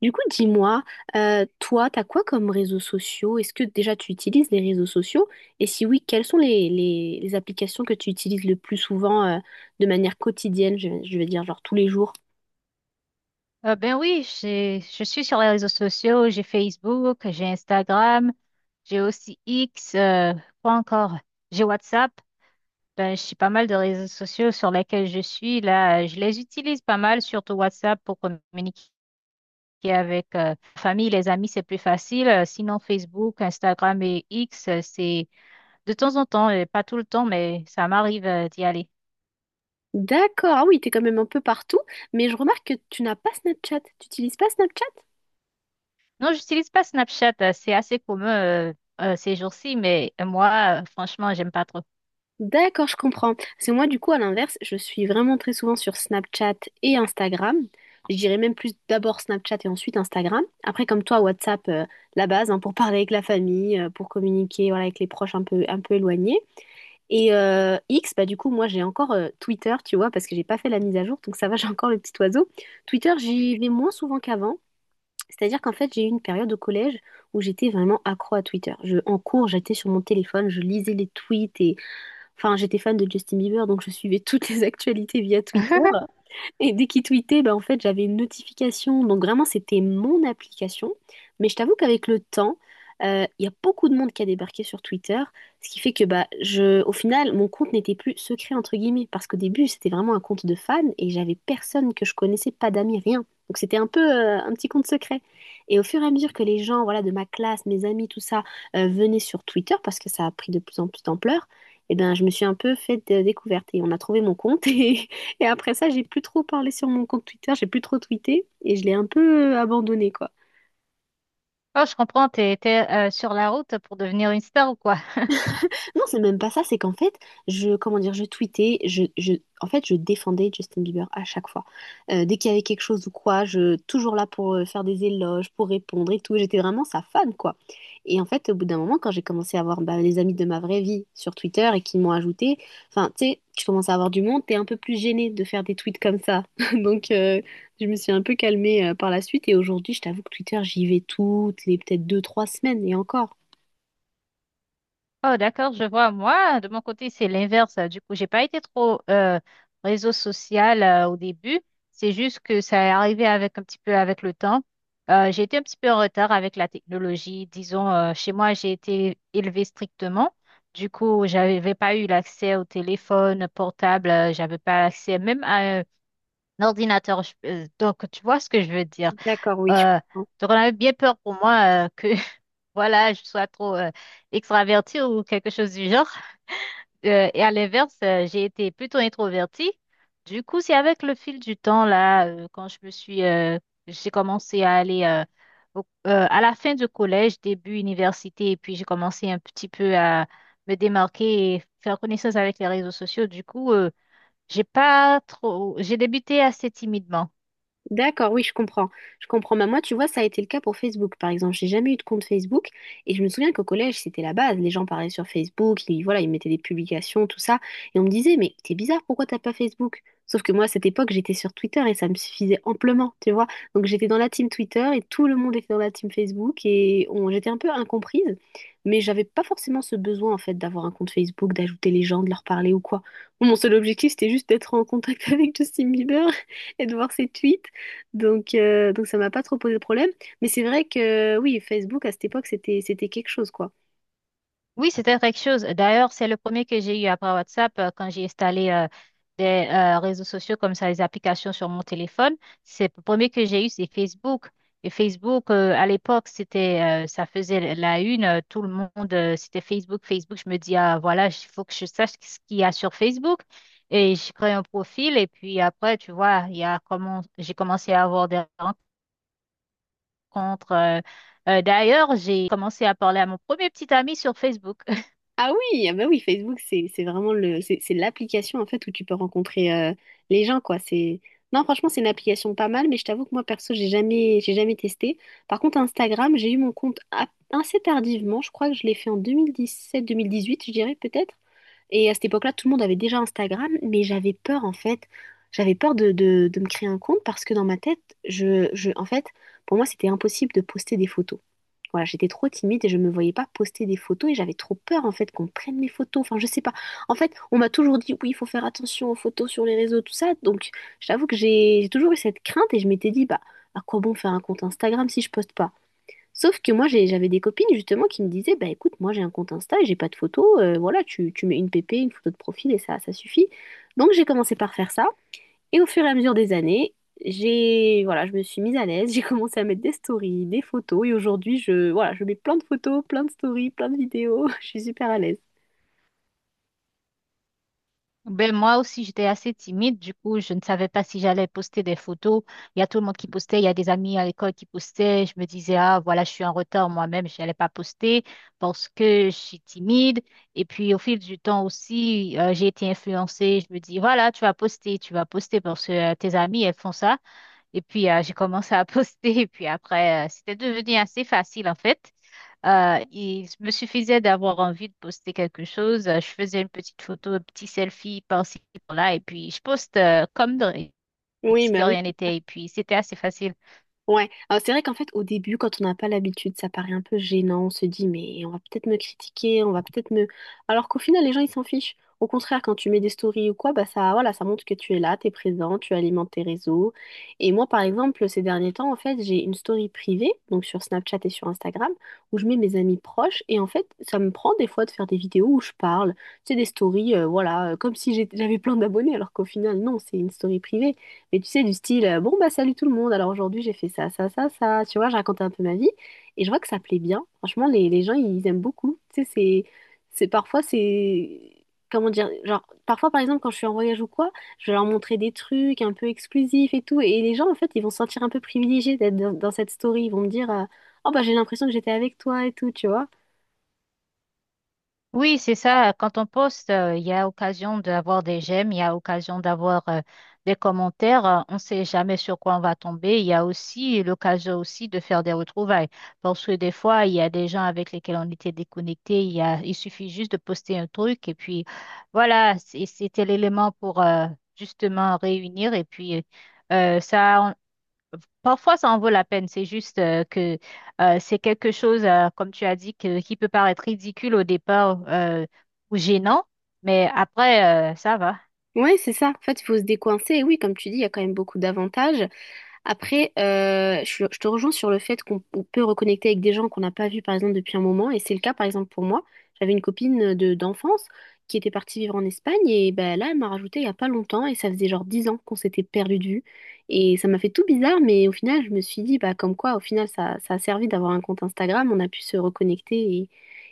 Du coup, dis-moi, toi, t'as quoi comme réseaux sociaux? Est-ce que déjà tu utilises les réseaux sociaux? Et si oui, quelles sont les applications que tu utilises le plus souvent, de manière quotidienne, je veux dire, genre tous les jours? Ben oui, je suis sur les réseaux sociaux, j'ai Facebook, j'ai Instagram, j'ai aussi X, quoi encore? J'ai WhatsApp. Ben, j'ai pas mal de réseaux sociaux sur lesquels je suis. Là, je les utilise pas mal, surtout WhatsApp pour communiquer avec la famille, les amis, c'est plus facile. Sinon, Facebook, Instagram et X, c'est de temps en temps, pas tout le temps, mais ça m'arrive d'y aller. D'accord, ah oui, t'es quand même un peu partout, mais je remarque que tu n'as pas Snapchat. Tu n'utilises pas Snapchat? Non, j'utilise pas Snapchat, c'est assez commun ces jours-ci, mais moi, franchement, j'aime pas trop. D'accord, je comprends. C'est moi, du coup, à l'inverse, je suis vraiment très souvent sur Snapchat et Instagram. Je dirais même plus d'abord Snapchat et ensuite Instagram. Après, comme toi, WhatsApp, la base, hein, pour parler avec la famille, pour communiquer, voilà, avec les proches un peu éloignés. Et X, bah du coup, moi, j'ai encore Twitter, tu vois, parce que j'ai pas fait la mise à jour, donc ça va, j'ai encore le petit oiseau. Twitter, j'y vais moins souvent qu'avant. C'est-à-dire qu'en fait, j'ai eu une période au collège où j'étais vraiment accro à Twitter. En cours, j'étais sur mon téléphone, je lisais les tweets. Enfin, j'étais fan de Justin Bieber, donc je suivais toutes les actualités via Twitter. Et dès qu'il tweetait, bah, en fait, j'avais une notification. Donc vraiment, c'était mon application. Mais je t'avoue qu'avec le temps, il y a beaucoup de monde qui a débarqué sur Twitter, ce qui fait que bah, au final, mon compte n'était plus secret, entre guillemets, parce qu'au début, c'était vraiment un compte de fan et j'avais personne que je connaissais, pas d'amis, rien. Donc c'était un peu un petit compte secret. Et au fur et à mesure que les gens, voilà, de ma classe, mes amis, tout ça, venaient sur Twitter, parce que ça a pris de plus en plus d'ampleur, et ben, je me suis un peu fait de découverte et on a trouvé mon compte. Et après ça, j'ai plus trop parlé sur mon compte Twitter, j'ai plus trop tweeté et je l'ai un peu abandonné, quoi. Oh, je comprends, t'es sur la route pour devenir une star ou quoi? Non, c'est même pas ça, c'est qu'en fait, comment dire, je tweetais, en fait, je défendais Justin Bieber à chaque fois. Dès qu'il y avait quelque chose ou quoi, toujours là pour faire des éloges, pour répondre et tout. J'étais vraiment sa fan, quoi. Et en fait, au bout d'un moment, quand j'ai commencé à avoir bah, les amis de ma vraie vie sur Twitter et qui m'ont ajouté, enfin, tu sais, tu commences à avoir du monde, t'es un peu plus gênée de faire des tweets comme ça. Donc, je me suis un peu calmée par la suite et aujourd'hui, je t'avoue que Twitter, j'y vais toutes les peut-être deux, trois semaines et encore. Oh, d'accord, je vois. Moi, de mon côté, c'est l'inverse. Du coup, j'ai pas été trop réseau social au début. C'est juste que ça est arrivé avec un petit peu avec le temps. J'ai été un petit peu en retard avec la technologie. Disons, chez moi, j'ai été élevée strictement. Du coup, j'avais pas eu l'accès au téléphone portable. J'avais pas accès même à un ordinateur. Donc, tu vois ce que je veux dire? D'accord, oui. Je comprends. Euh, donc on avait bien peur pour moi que voilà je sois trop extravertie ou quelque chose du genre. Et à l'inverse, j'ai été plutôt introvertie. Du coup, c'est avec le fil du temps là, quand je me suis, j'ai commencé à aller à la fin du collège, début université, et puis j'ai commencé un petit peu à me démarquer et faire connaissance avec les réseaux sociaux. Du coup, j'ai pas trop, j'ai débuté assez timidement. D'accord, oui, je comprends. Je comprends. Bah, moi, tu vois, ça a été le cas pour Facebook, par exemple. J'ai jamais eu de compte Facebook. Et je me souviens qu'au collège, c'était la base. Les gens parlaient sur Facebook, ils, voilà, ils mettaient des publications, tout ça. Et on me disait, mais t'es bizarre, pourquoi t'as pas Facebook? Sauf que moi, à cette époque, j'étais sur Twitter et ça me suffisait amplement, tu vois. Donc j'étais dans la team Twitter et tout le monde était dans la team Facebook et j'étais un peu incomprise. Mais j'avais pas forcément ce besoin, en fait, d'avoir un compte Facebook, d'ajouter les gens, de leur parler ou quoi. Mon seul objectif, c'était juste d'être en contact avec Justin Bieber et de voir ses tweets. Donc ça m'a pas trop posé de problème. Mais c'est vrai que oui, Facebook à cette époque, c'était, quelque chose, quoi. Oui, c'était quelque chose. D'ailleurs, c'est le premier que j'ai eu après WhatsApp quand j'ai installé des réseaux sociaux comme ça, les applications sur mon téléphone. C'est le premier que j'ai eu, c'est Facebook. Et Facebook, à l'époque, ça faisait la une. Tout le monde, c'était Facebook, Facebook. Je me dis, ah, voilà, il faut que je sache ce qu'il y a sur Facebook. Et je crée un profil. Et puis après, tu vois, il y a comment, j'ai commencé à avoir des rencontres. D'ailleurs, j'ai commencé à parler à mon premier petit ami sur Facebook. Ah oui, ah bah oui, Facebook, c'est vraiment le, c'est l'application en fait où tu peux rencontrer les gens, quoi. Non, franchement, c'est une application pas mal, mais je t'avoue que moi, perso, j'ai jamais testé. Par contre, Instagram, j'ai eu mon compte assez tardivement. Je crois que je l'ai fait en 2017-2018, je dirais peut-être. Et à cette époque-là, tout le monde avait déjà Instagram, mais j'avais peur en fait. J'avais peur de, de me créer un compte parce que dans ma tête, en fait, pour moi, c'était impossible de poster des photos. Voilà, j'étais trop timide et je me voyais pas poster des photos et j'avais trop peur en fait qu'on prenne mes photos. Enfin, je sais pas. En fait, on m'a toujours dit oui, il faut faire attention aux photos sur les réseaux, tout ça. Donc, je t'avoue que j'ai toujours eu cette crainte et je m'étais dit bah à quoi bon faire un compte Instagram si je poste pas? Sauf que moi, j'avais des copines justement qui me disaient, bah écoute, moi j'ai un compte Insta et j'ai pas de photo, voilà, tu mets une PP, une photo de profil et ça suffit. Donc j'ai commencé par faire ça et au fur et à mesure des années, voilà, je me suis mise à l'aise. J'ai commencé à mettre des stories, des photos et aujourd'hui, voilà, je mets plein de photos, plein de stories, plein de vidéos, je suis super à l'aise. Ben, moi aussi, j'étais assez timide. Du coup, je ne savais pas si j'allais poster des photos. Il y a tout le monde qui postait. Il y a des amis à l'école qui postaient. Je me disais, ah, voilà, je suis en retard moi-même. Je n'allais pas poster parce que je suis timide. Et puis, au fil du temps aussi, j'ai été influencée. Je me dis, voilà, tu vas poster parce que tes amis, elles font ça. Et puis, j'ai commencé à poster. Et puis après, c'était devenu assez facile, en fait. Il me suffisait d'avoir envie de poster quelque chose. Je faisais une petite photo, un petit selfie par-ci, par-là. Et puis, je poste Oui, si de bah oui. rien n'était. Et puis, c'était assez facile. Ouais, alors c'est vrai qu'en fait au début quand on n'a pas l'habitude ça paraît un peu gênant, on se dit mais on va peut-être me critiquer, on va peut-être me... Alors qu'au final les gens ils s'en fichent. Au contraire quand tu mets des stories ou quoi, bah ça voilà, ça montre que tu es là, t'es présent, tu alimentes tes réseaux. Et moi par exemple ces derniers temps en fait j'ai une story privée, donc sur Snapchat et sur Instagram, où je mets mes amis proches et en fait ça me prend des fois de faire des vidéos où je parle, c'est des stories voilà, comme si j'avais plein d'abonnés alors qu'au final non, c'est une story privée. Mais tu sais, du style, bon, bah salut tout le monde, alors aujourd'hui j'ai fait ça, ça, ça, ça, tu vois, je racontais un peu ma vie, et je vois que ça plaît bien. Franchement, les gens, ils aiment beaucoup. Tu sais, c'est, parfois, comment dire, genre, parfois, par exemple, quand je suis en voyage ou quoi, je vais leur montrer des trucs un peu exclusifs et tout, et les gens, en fait, ils vont se sentir un peu privilégiés d'être dans cette story, ils vont me dire, oh, bah j'ai l'impression que j'étais avec toi et tout, tu vois. Oui, c'est ça. Quand on poste, il y a occasion d'avoir des j'aime, il y a occasion d'avoir des commentaires. On ne sait jamais sur quoi on va tomber. Il y a aussi l'occasion aussi de faire des retrouvailles. Parce que des fois, il y a des gens avec lesquels on était déconnectés. Il suffit juste de poster un truc et puis voilà, c'était l'élément pour justement réunir. Et puis euh, ça, parfois, ça en vaut la peine. C'est juste que c'est quelque chose, comme tu as dit, qui peut paraître ridicule au départ ou gênant, mais après, ça va. Ouais, c'est ça. En fait, il faut se décoincer. Et oui, comme tu dis, il y a quand même beaucoup d'avantages. Après, je te rejoins sur le fait qu'on on peut reconnecter avec des gens qu'on n'a pas vus, par exemple, depuis un moment. Et c'est le cas, par exemple, pour moi. J'avais une copine de d'enfance qui était partie vivre en Espagne. Et ben, là, elle m'a rajouté il n'y a pas longtemps. Et ça faisait genre 10 ans qu'on s'était perdu de vue. Et ça m'a fait tout bizarre. Mais au final, je me suis dit, bah, comme quoi, au final, ça a servi d'avoir un compte Instagram. On a pu se reconnecter et,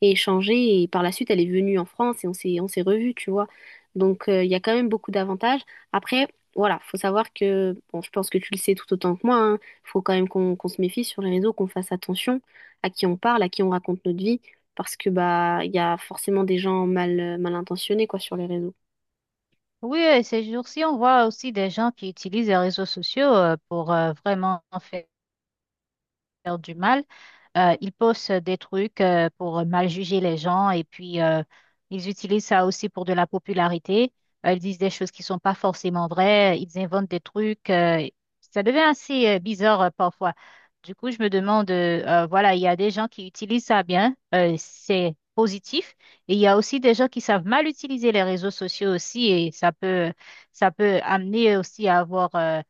et échanger. Et par la suite, elle est venue en France et on s'est revus, tu vois. Donc, il y a quand même beaucoup d'avantages. Après, voilà, faut savoir que, bon, je pense que tu le sais tout autant que moi, hein, faut quand même qu'on se méfie sur les réseaux, qu'on fasse attention à qui on parle, à qui on raconte notre vie, parce que bah il y a forcément des gens mal, mal intentionnés quoi sur les réseaux. Oui, ces jours-ci, on voit aussi des gens qui utilisent les réseaux sociaux pour vraiment faire. Faire du mal. Ils postent des trucs pour mal juger les gens et puis ils utilisent ça aussi pour de la popularité. Ils disent des choses qui sont pas forcément vraies, ils inventent des trucs. Ça devient assez bizarre parfois. Du coup, je me demande, voilà, il y a des gens qui utilisent ça bien, c'est positif, et il y a aussi des gens qui savent mal utiliser les réseaux sociaux aussi, ça peut amener aussi à avoir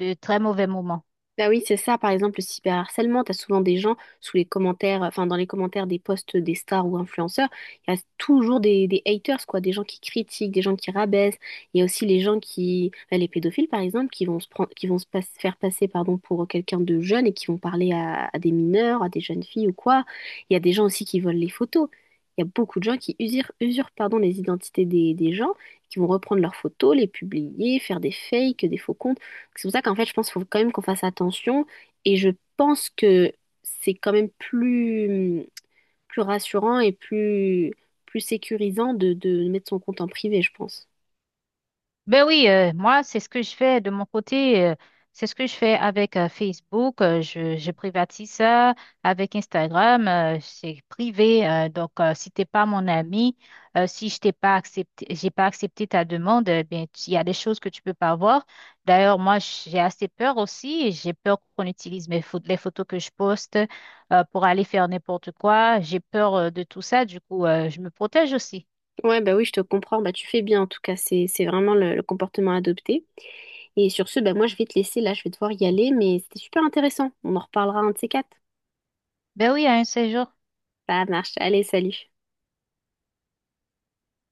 de très mauvais moments. Bah oui, c'est ça, par exemple, le cyberharcèlement, t'as souvent des gens sous les commentaires, enfin dans les commentaires des posts des stars ou influenceurs, il y a toujours des haters, quoi, des gens qui critiquent, des gens qui rabaissent, il y a aussi les gens qui, bah, les pédophiles par exemple, qui vont se prendre, qui vont se faire passer pardon, pour quelqu'un de jeune et qui vont parler à des mineurs, à des jeunes filles ou quoi. Il y a des gens aussi qui volent les photos. Il y a beaucoup de gens qui usurpent, usurpent pardon, les identités des gens, qui vont reprendre leurs photos, les publier, faire des fakes, des faux comptes. C'est pour ça qu'en fait, je pense qu'il faut quand même qu'on fasse attention et je pense que c'est quand même plus, plus, rassurant et plus, plus, sécurisant de mettre son compte en privé, je pense. Ben oui, moi, c'est ce que je fais de mon côté. C'est ce que je fais avec Facebook. Je privatise ça avec Instagram. C'est privé. Donc, si t'es pas mon ami, si je t'ai pas accepté, j'ai pas accepté ta demande, eh bien, il y a des choses que tu peux pas voir. D'ailleurs, moi, j'ai assez peur aussi. J'ai peur qu'on utilise mes photos, les photos que je poste pour aller faire n'importe quoi. J'ai peur de tout ça. Du coup, je me protège aussi. Ouais, bah oui, je te comprends. Bah, tu fais bien, en tout cas, c'est, vraiment le comportement adopté. Et sur ce, bah, moi, je vais te laisser là, je vais devoir y aller, mais c'était super intéressant. On en reparlera un de ces quatre. Ben oui, à un séjour. Ça marche. Allez, salut.